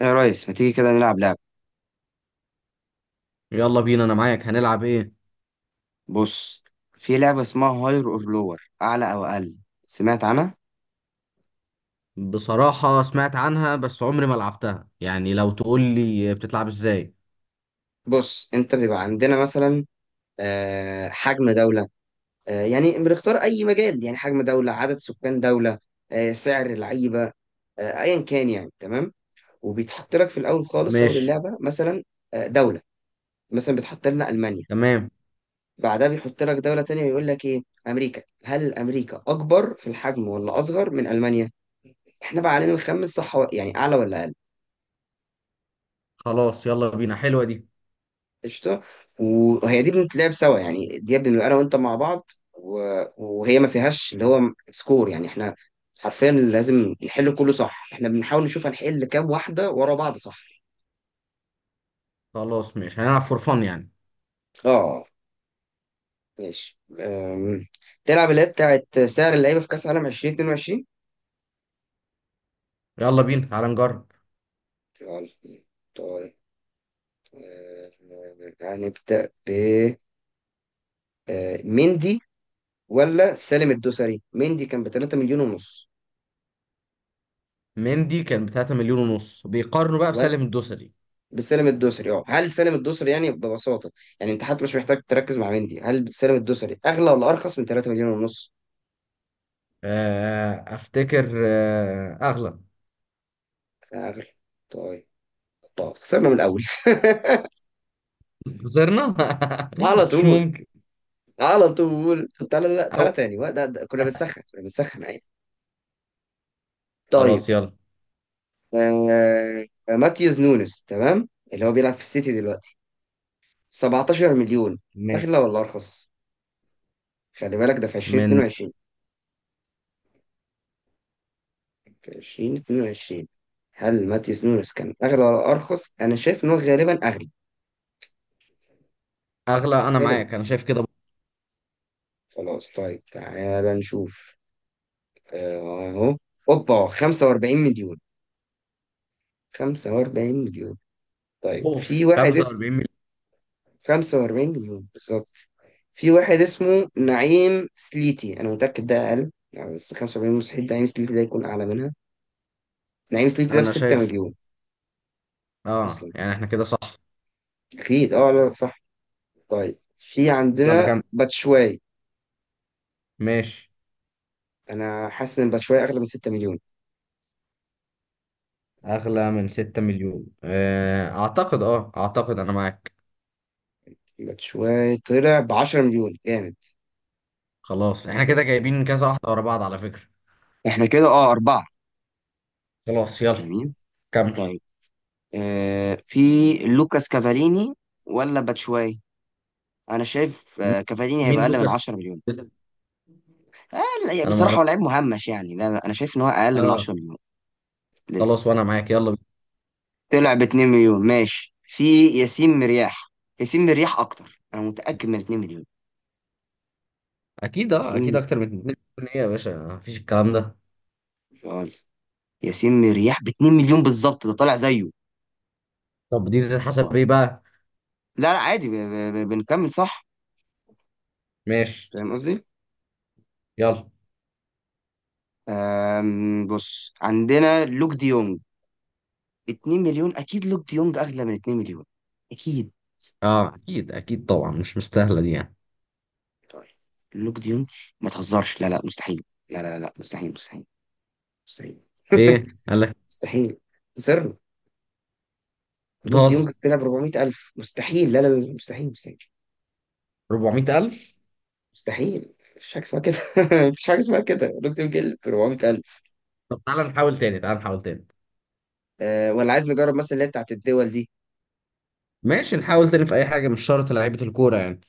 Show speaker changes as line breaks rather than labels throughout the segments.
يا ريس، ما تيجي كده نلعب لعبة؟
يلا بينا، انا معاك. هنلعب ايه؟
بص، في لعبة اسمها هاير اور لور، أعلى أو أقل. سمعت عنها؟
بصراحة سمعت عنها، بس عمري ما لعبتها. يعني لو تقول لي بتتلعب ازاي؟
بص، أنت بيبقى عندنا مثلا حجم دولة. يعني بنختار أي مجال، يعني حجم دولة، عدد سكان دولة، سعر لعيبة، أيا كان، يعني تمام. وبيتحط لك في الأول خالص، في أول
ماشي.
اللعبة مثلا دولة، مثلا بيتحط لنا ألمانيا.
تمام.
بعدها بيحط لك دولة تانية ويقول لك إيه، أمريكا، هل أمريكا أكبر في الحجم ولا أصغر من ألمانيا؟ إحنا بقى علينا الخمس صح يعني أعلى ولا أقل.
خلاص يلا بينا، حلوة دي.
قشطه. وهي دي بنتلعب سوا، يعني دي بنبقى انا وانت مع بعض وهي ما فيهاش اللي هو سكور، يعني احنا حرفيا لازم نحل كله صح، احنا بنحاول نشوف هنحل كام واحده ورا بعض صح.
خلاص ماشي، هنلعب فور فن يعني.
اه ماشي. تلعب اللي هي بتاعت سعر اللعيبه في كاس عالم 2022.
يلا بينا، تعال نجرب.
يلا. طيب. طيب أه، هنبدا ب مندي ولا سالم الدوسري؟ مندي كان ب 3 مليون ونص،
مندي كان ب 3 مليون ونص، بيقارنوا بقى بسالم الدوسري.
بسالم الدوسري. اه، هل سالم الدوسري يعني ببساطه، يعني انت حتى مش محتاج تركز مع مندي، هل سالم الدوسري اغلى ولا ارخص من 3 مليون ونص؟
افتكر. اغلى.
اغلى. طيب. طب خسرنا من الاول.
خسرنا.
على
مش
طول.
ممكن.
على طول. طب تعالى، لا
أو.
تعالى تاني وقت، كنا بنسخن، كنا بنسخن عادي. طيب.
خلاص يلا.
ماتيوس نونس، تمام، اللي هو بيلعب في السيتي دلوقتي، 17 مليون.
ماشي.
اغلى ولا ارخص؟ خلي بالك ده في
من.
2022، في 2022. هل ماتيوس نونس كان أغلى ولا أرخص؟ أنا شايف إن هو غالبا أغلى.
اغلى، انا
غالبا.
معاك، انا شايف كده.
خلاص. طيب تعالى نشوف. أهو. أوبا، 45 مليون. 45 مليون. طيب
اوف،
في واحد اسمه،
45 مليون.
45 مليون بالظبط. في واحد اسمه نعيم سليتي، أنا متأكد ده أقل يعني، بس 45 مستحيل نعيم سليتي ده يكون أعلى منها. نعيم سليتي ده ب
انا
6
شايف.
مليون
اه
أصلا.
يعني احنا كده صح.
أكيد. لا، صح. طيب، في
بس يلا
عندنا
كمل.
باتشواي.
ماشي.
انا حاسس ان باتشواي اغلى من 6 مليون.
اغلى من 6 مليون. اعتقد انا معاك.
باتشواي طلع ب 10 مليون. جامد.
خلاص احنا كده
طيب.
جايبين كذا واحدة ورا بعض على فكرة.
احنا كده اربعة.
خلاص يلا.
جميل.
كمل.
طيب. في لوكاس كافاليني ولا باتشواي؟ انا شايف
م-
كافاليني هيبقى
مين
اقل من
لوكاس؟
10 مليون. آه لا،
انا ما
بصراحة
اعرف.
هو لعيب مهمش يعني. لا لا، انا شايف ان هو اقل من
اه.
10 مليون
خلاص
لسه.
وانا معاك، يلا بينا.
طلع ب 2 مليون. ماشي، في ياسين مرياح. ياسين مرياح اكتر، انا متأكد، من 2 مليون.
اكيد
ياسين.
اكتر من 2 مليون. ايه يا باشا؟ مفيش الكلام ده.
آه، ياسين مرياح ب 2 مليون بالظبط، ده طالع زيه.
طب دي تتحسب ايه بقى؟
لا لا عادي، بنكمل صح.
ماشي.
فاهم قصدي؟
يلا.
بص، عندنا لوك دي يونج، 2 مليون. اكيد لوك دي يونج اغلى من 2 مليون. اكيد.
اه اكيد اكيد طبعا، مش مستاهلة دي يعني.
طيب، لوك دي يونج، ما تهزرش! لا لا مستحيل. لا لا لا مستحيل، مستحيل، مستحيل.
ايه قال لك؟
مستحيل. صرنا. لوك دي
بتهزر؟
يونج طلع ب 400000. مستحيل. لا لا لا مستحيل، مستحيل،
400000؟
مستحيل. مفيش حاجه اسمها كده. مفيش حاجه اسمها كده، لوك دي يونج ب 400000.
طب تعالى نحاول تاني، تعالى نحاول تاني.
أه، ولا عايز نجرب مثلا اللي هي بتاعت الدول دي؟
ماشي، نحاول تاني في اي حاجه، مش شرط لعيبه الكوره يعني.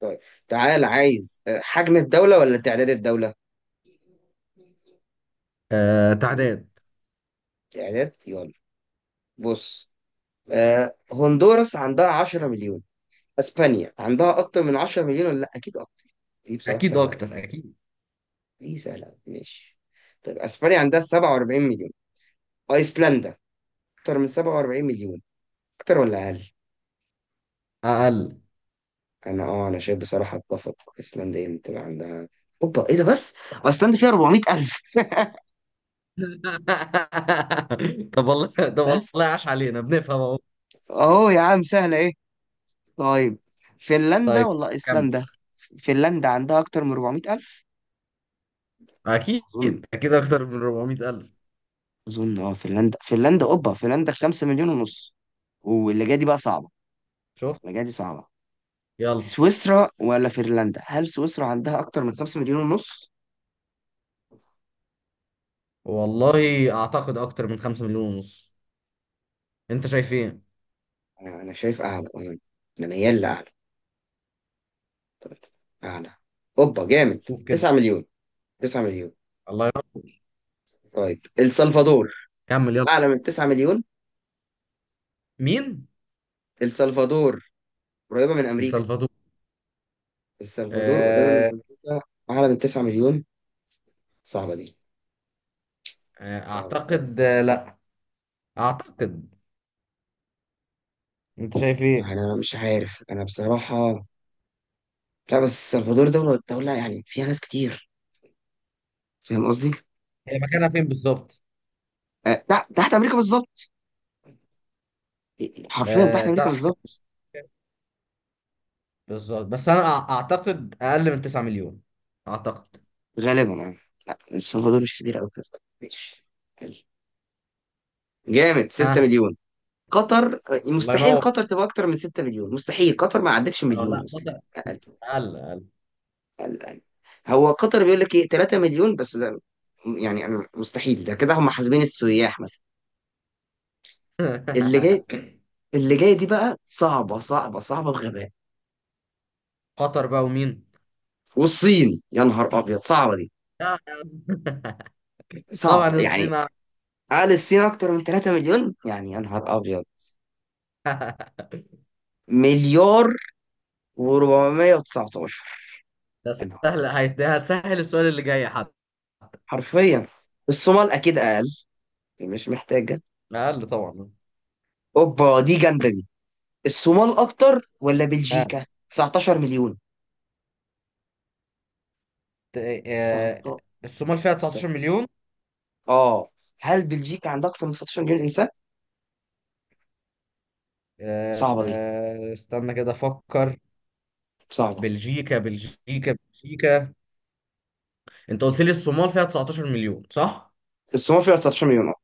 طيب تعال، عايز حجم الدولة ولا تعداد الدولة؟
آه،
مم.
تعداد.
تعداد يلا. بص، هندوراس عندها 10 مليون. اسبانيا عندها اكتر من 10 مليون ولا لا؟ اكيد اكتر. دي بصراحة
اكيد
سهلة أوي.
اكتر، اكيد.
دي سهلة أوي. ماشي. طيب، اسبانيا عندها 47 مليون. ايسلندا، اكتر من 47 مليون؟ اكتر ولا اقل؟
اقل.
انا شايف بصراحة، اتفق، ايسلندا هي اللي تبقى عندها. اوبا، ايه ده بس؟ ايسلندا فيها 400 الف
طب والله، طب والله،
بس.
عاش علينا، بنفهم اهو.
اه يا عم، سهلة ايه؟ طيب، فنلندا
طيب.
ولا
كم؟
ايسلندا؟ فنلندا عندها اكتر من 400000،
اكيد
اظن.
اكيد اكتر من 400 الف.
فنلندا. اوبا، فنلندا 5 مليون ونص. واللي جايه دي بقى صعبه.
شوف.
اللي جايه دي صعبه.
يلا.
سويسرا ولا فنلندا؟ هل سويسرا عندها اكتر من 5 مليون ونص؟
والله اعتقد اكتر من 5 مليون ونص. انت شايف ايه؟
انا شايف اعلى، انا. أنا ميال لاعلى. طيب، اعلى. اوبا
طب
جامد،
شوف كده.
9 مليون. 9 مليون.
الله يرحمه.
طيب، السلفادور
كمل يلا.
اعلى من 9 مليون.
مين؟
السلفادور قريبه من امريكا.
السلفادور؟
السلفادور قريبه من
آه.
امريكا، اعلى من 9 مليون؟ صعبة دي. صعبة، صعبة.
اعتقد. لا، اعتقد. انت شايف
ما
ايه؟
أنا مش عارف أنا بصراحة. لا بس السلفادور دولة، دولة يعني فيها ناس كتير. فاهم قصدي؟
هي مكانها فين بالظبط؟
أه، تحت تحت أمريكا بالظبط. حرفيا تحت
آه،
أمريكا
تحت.
بالظبط.
بالظبط، بس انا اعتقد اقل من 9 مليون، اعتقد.
غالبا يعني. لا السلفادور مش كبيرة أوي كده. ماشي. حلو. جامد، 6
ها؟
مليون. قطر،
الله
مستحيل
ينور.
قطر تبقى أكتر من 6 مليون. مستحيل قطر ما عدتش
اه،
مليون
لا،
أصلا.
قطر.
أقل.
اقل، اقل.
أقل، أقل. هو قطر بيقول لك إيه، 3 مليون بس ده. يعني أنا مستحيل ده كده، هم حاسبين السياح مثلا. اللي جاي. اللي جايه دي بقى صعبه، صعبه، صعبه بغباء.
قطر بقى ومين؟
والصين، يا نهار ابيض. صعبه دي.
لا، طبعا
صعبه يعني.
الصين أع-.
قال الصين اكتر من 3 مليون، يعني يا نهار ابيض. مليار و419.
ده
يا نهار.
سهل. هتسهل السؤال اللي جاي حتى.
حرفيا. الصومال اكيد اقل، يعني مش محتاجه.
اقل طبعا.
اوبا، دي جامده دي. الصومال اكتر ولا
ها.
بلجيكا 19 مليون؟
ت-. آه،
19.
الصومال فيها 19 مليون.
اه. هل بلجيكا عندها اكتر من 19 مليون انسان؟ صعبه دي.
استنى كده افكر.
صعبه.
بلجيكا، بلجيكا، بلجيكا. انت قلت لي الصومال فيها 19 مليون، صح؟
الصومال فيها 19 مليون. اه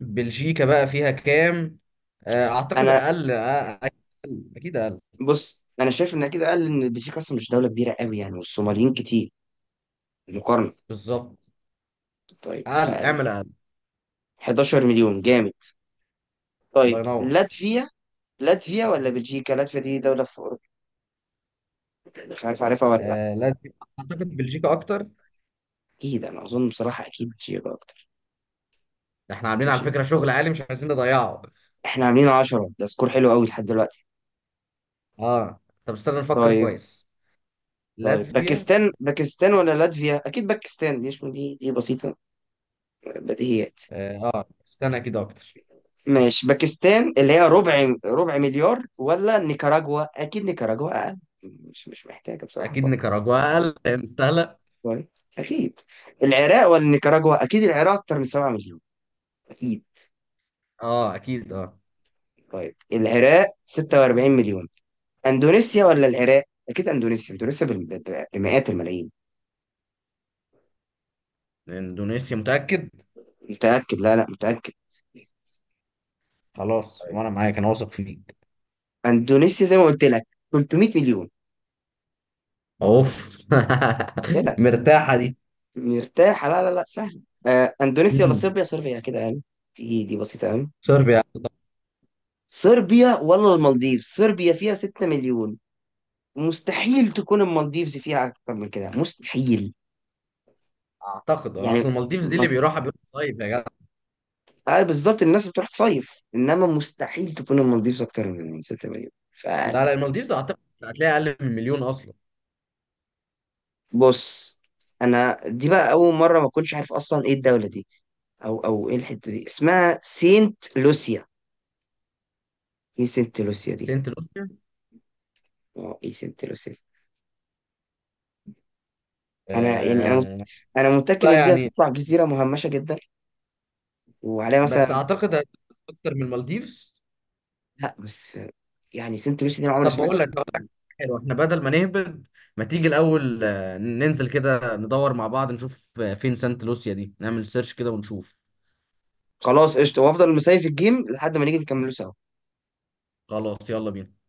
بلجيكا بقى فيها كام؟ اعتقد
انا.
اقل. اقل، اكيد اقل.
بص، انا شايف ان كده قال ان بلجيكا اصلا مش دوله كبيره قوي يعني، والصوماليين كتير مقارنه.
بالظبط.
طيب،
اقل،
فقال
اعمل اقل.
11 مليون. جامد.
الله
طيب،
ينور.
لاتفيا ولا بلجيكا؟ لاتفيا دي دوله في اوروبا، يعني مش عارف عارفها ولا لا.
آه، لازم. اعتقد بلجيكا اكتر.
اكيد، انا اظن بصراحه اكيد بلجيكا اكتر.
احنا عاملين على
ماشي.
فكره شغل عالي، مش عايزين نضيعه.
احنا عاملين 10، ده سكور حلو قوي لحد دلوقتي.
اه، طب استنى نفكر
طيب.
كويس.
طيب،
لاتفيا.
باكستان ولا لاتفيا؟ اكيد باكستان. دي مش، دي دي بسيطه، بديهيات.
اه، استنى، اكيد اكتر.
ماشي، باكستان اللي هي ربع مليار، ولا نيكاراجوا؟ اكيد نيكاراجوا اقل. مش محتاجه بصراحه
اكيد
افكر.
نيكاراجوا اقل لأن مستاهله.
طيب. اكيد. العراق ولا نيكاراجوا؟ اكيد العراق اكتر من 7 مليون. اكيد.
اه اكيد اه.
طيب، العراق 46 مليون. اندونيسيا ولا العراق؟ اكيد اندونيسيا. بمئات الملايين.
اندونيسيا، متاكد؟
متاكد. لا لا، متاكد.
خلاص
طيب،
وانا معاك، انا واثق فيك.
اندونيسيا زي ما قلت لك، 300 مليون.
اوف.
قلت لك.
مرتاحه دي.
مرتاحه. لا لا لا، سهله. اندونيسيا ولا
مم.
صربيا؟ صربيا كده يعني. دي بسيطه قوي.
صربيا.
صربيا ولا المالديفز؟ صربيا فيها 6 مليون، مستحيل تكون المالديفز فيها اكتر من كده. مستحيل
اعتقد، اصل
يعني.
المالديفز دي اللي
ما...
بيروحها بيروح صيف يا جدع.
آه بالظبط، الناس بتروح تصيف، انما مستحيل تكون المالديفز اكتر من 6 مليون.
لا لا، المالديفز اعتقد هتلاقي اقل من مليون اصلا.
فبص، انا دي بقى اول مره ما اكونش عارف اصلا ايه الدوله دي، او ايه الحته دي، اسمها سينت لوسيا. ايه سينت لوسيا دي؟
سنت لوسيا.
ايه سينت لوسيا دي؟ يعني انا
آه.
انا متاكد
لا
ان دي
يعني.
هتطلع جزيره مهمشه جدا وعليها
بس
مثلا.
اعتقد اكتر من المالديفز.
لا بس يعني، سنت لوسي دي انا عمري ما
طب
سمعت
بقول لك
عنها
بقول لك
يعني.
حلو، احنا بدل ما نهبد. ما تيجي الاول، ننزل كده ندور مع بعض نشوف فين سانت لوسيا دي، نعمل سيرش كده ونشوف.
خلاص قشطه، وافضل مسايف الجيم لحد ما نيجي نكمله سوا.
خلاص يلا بينا.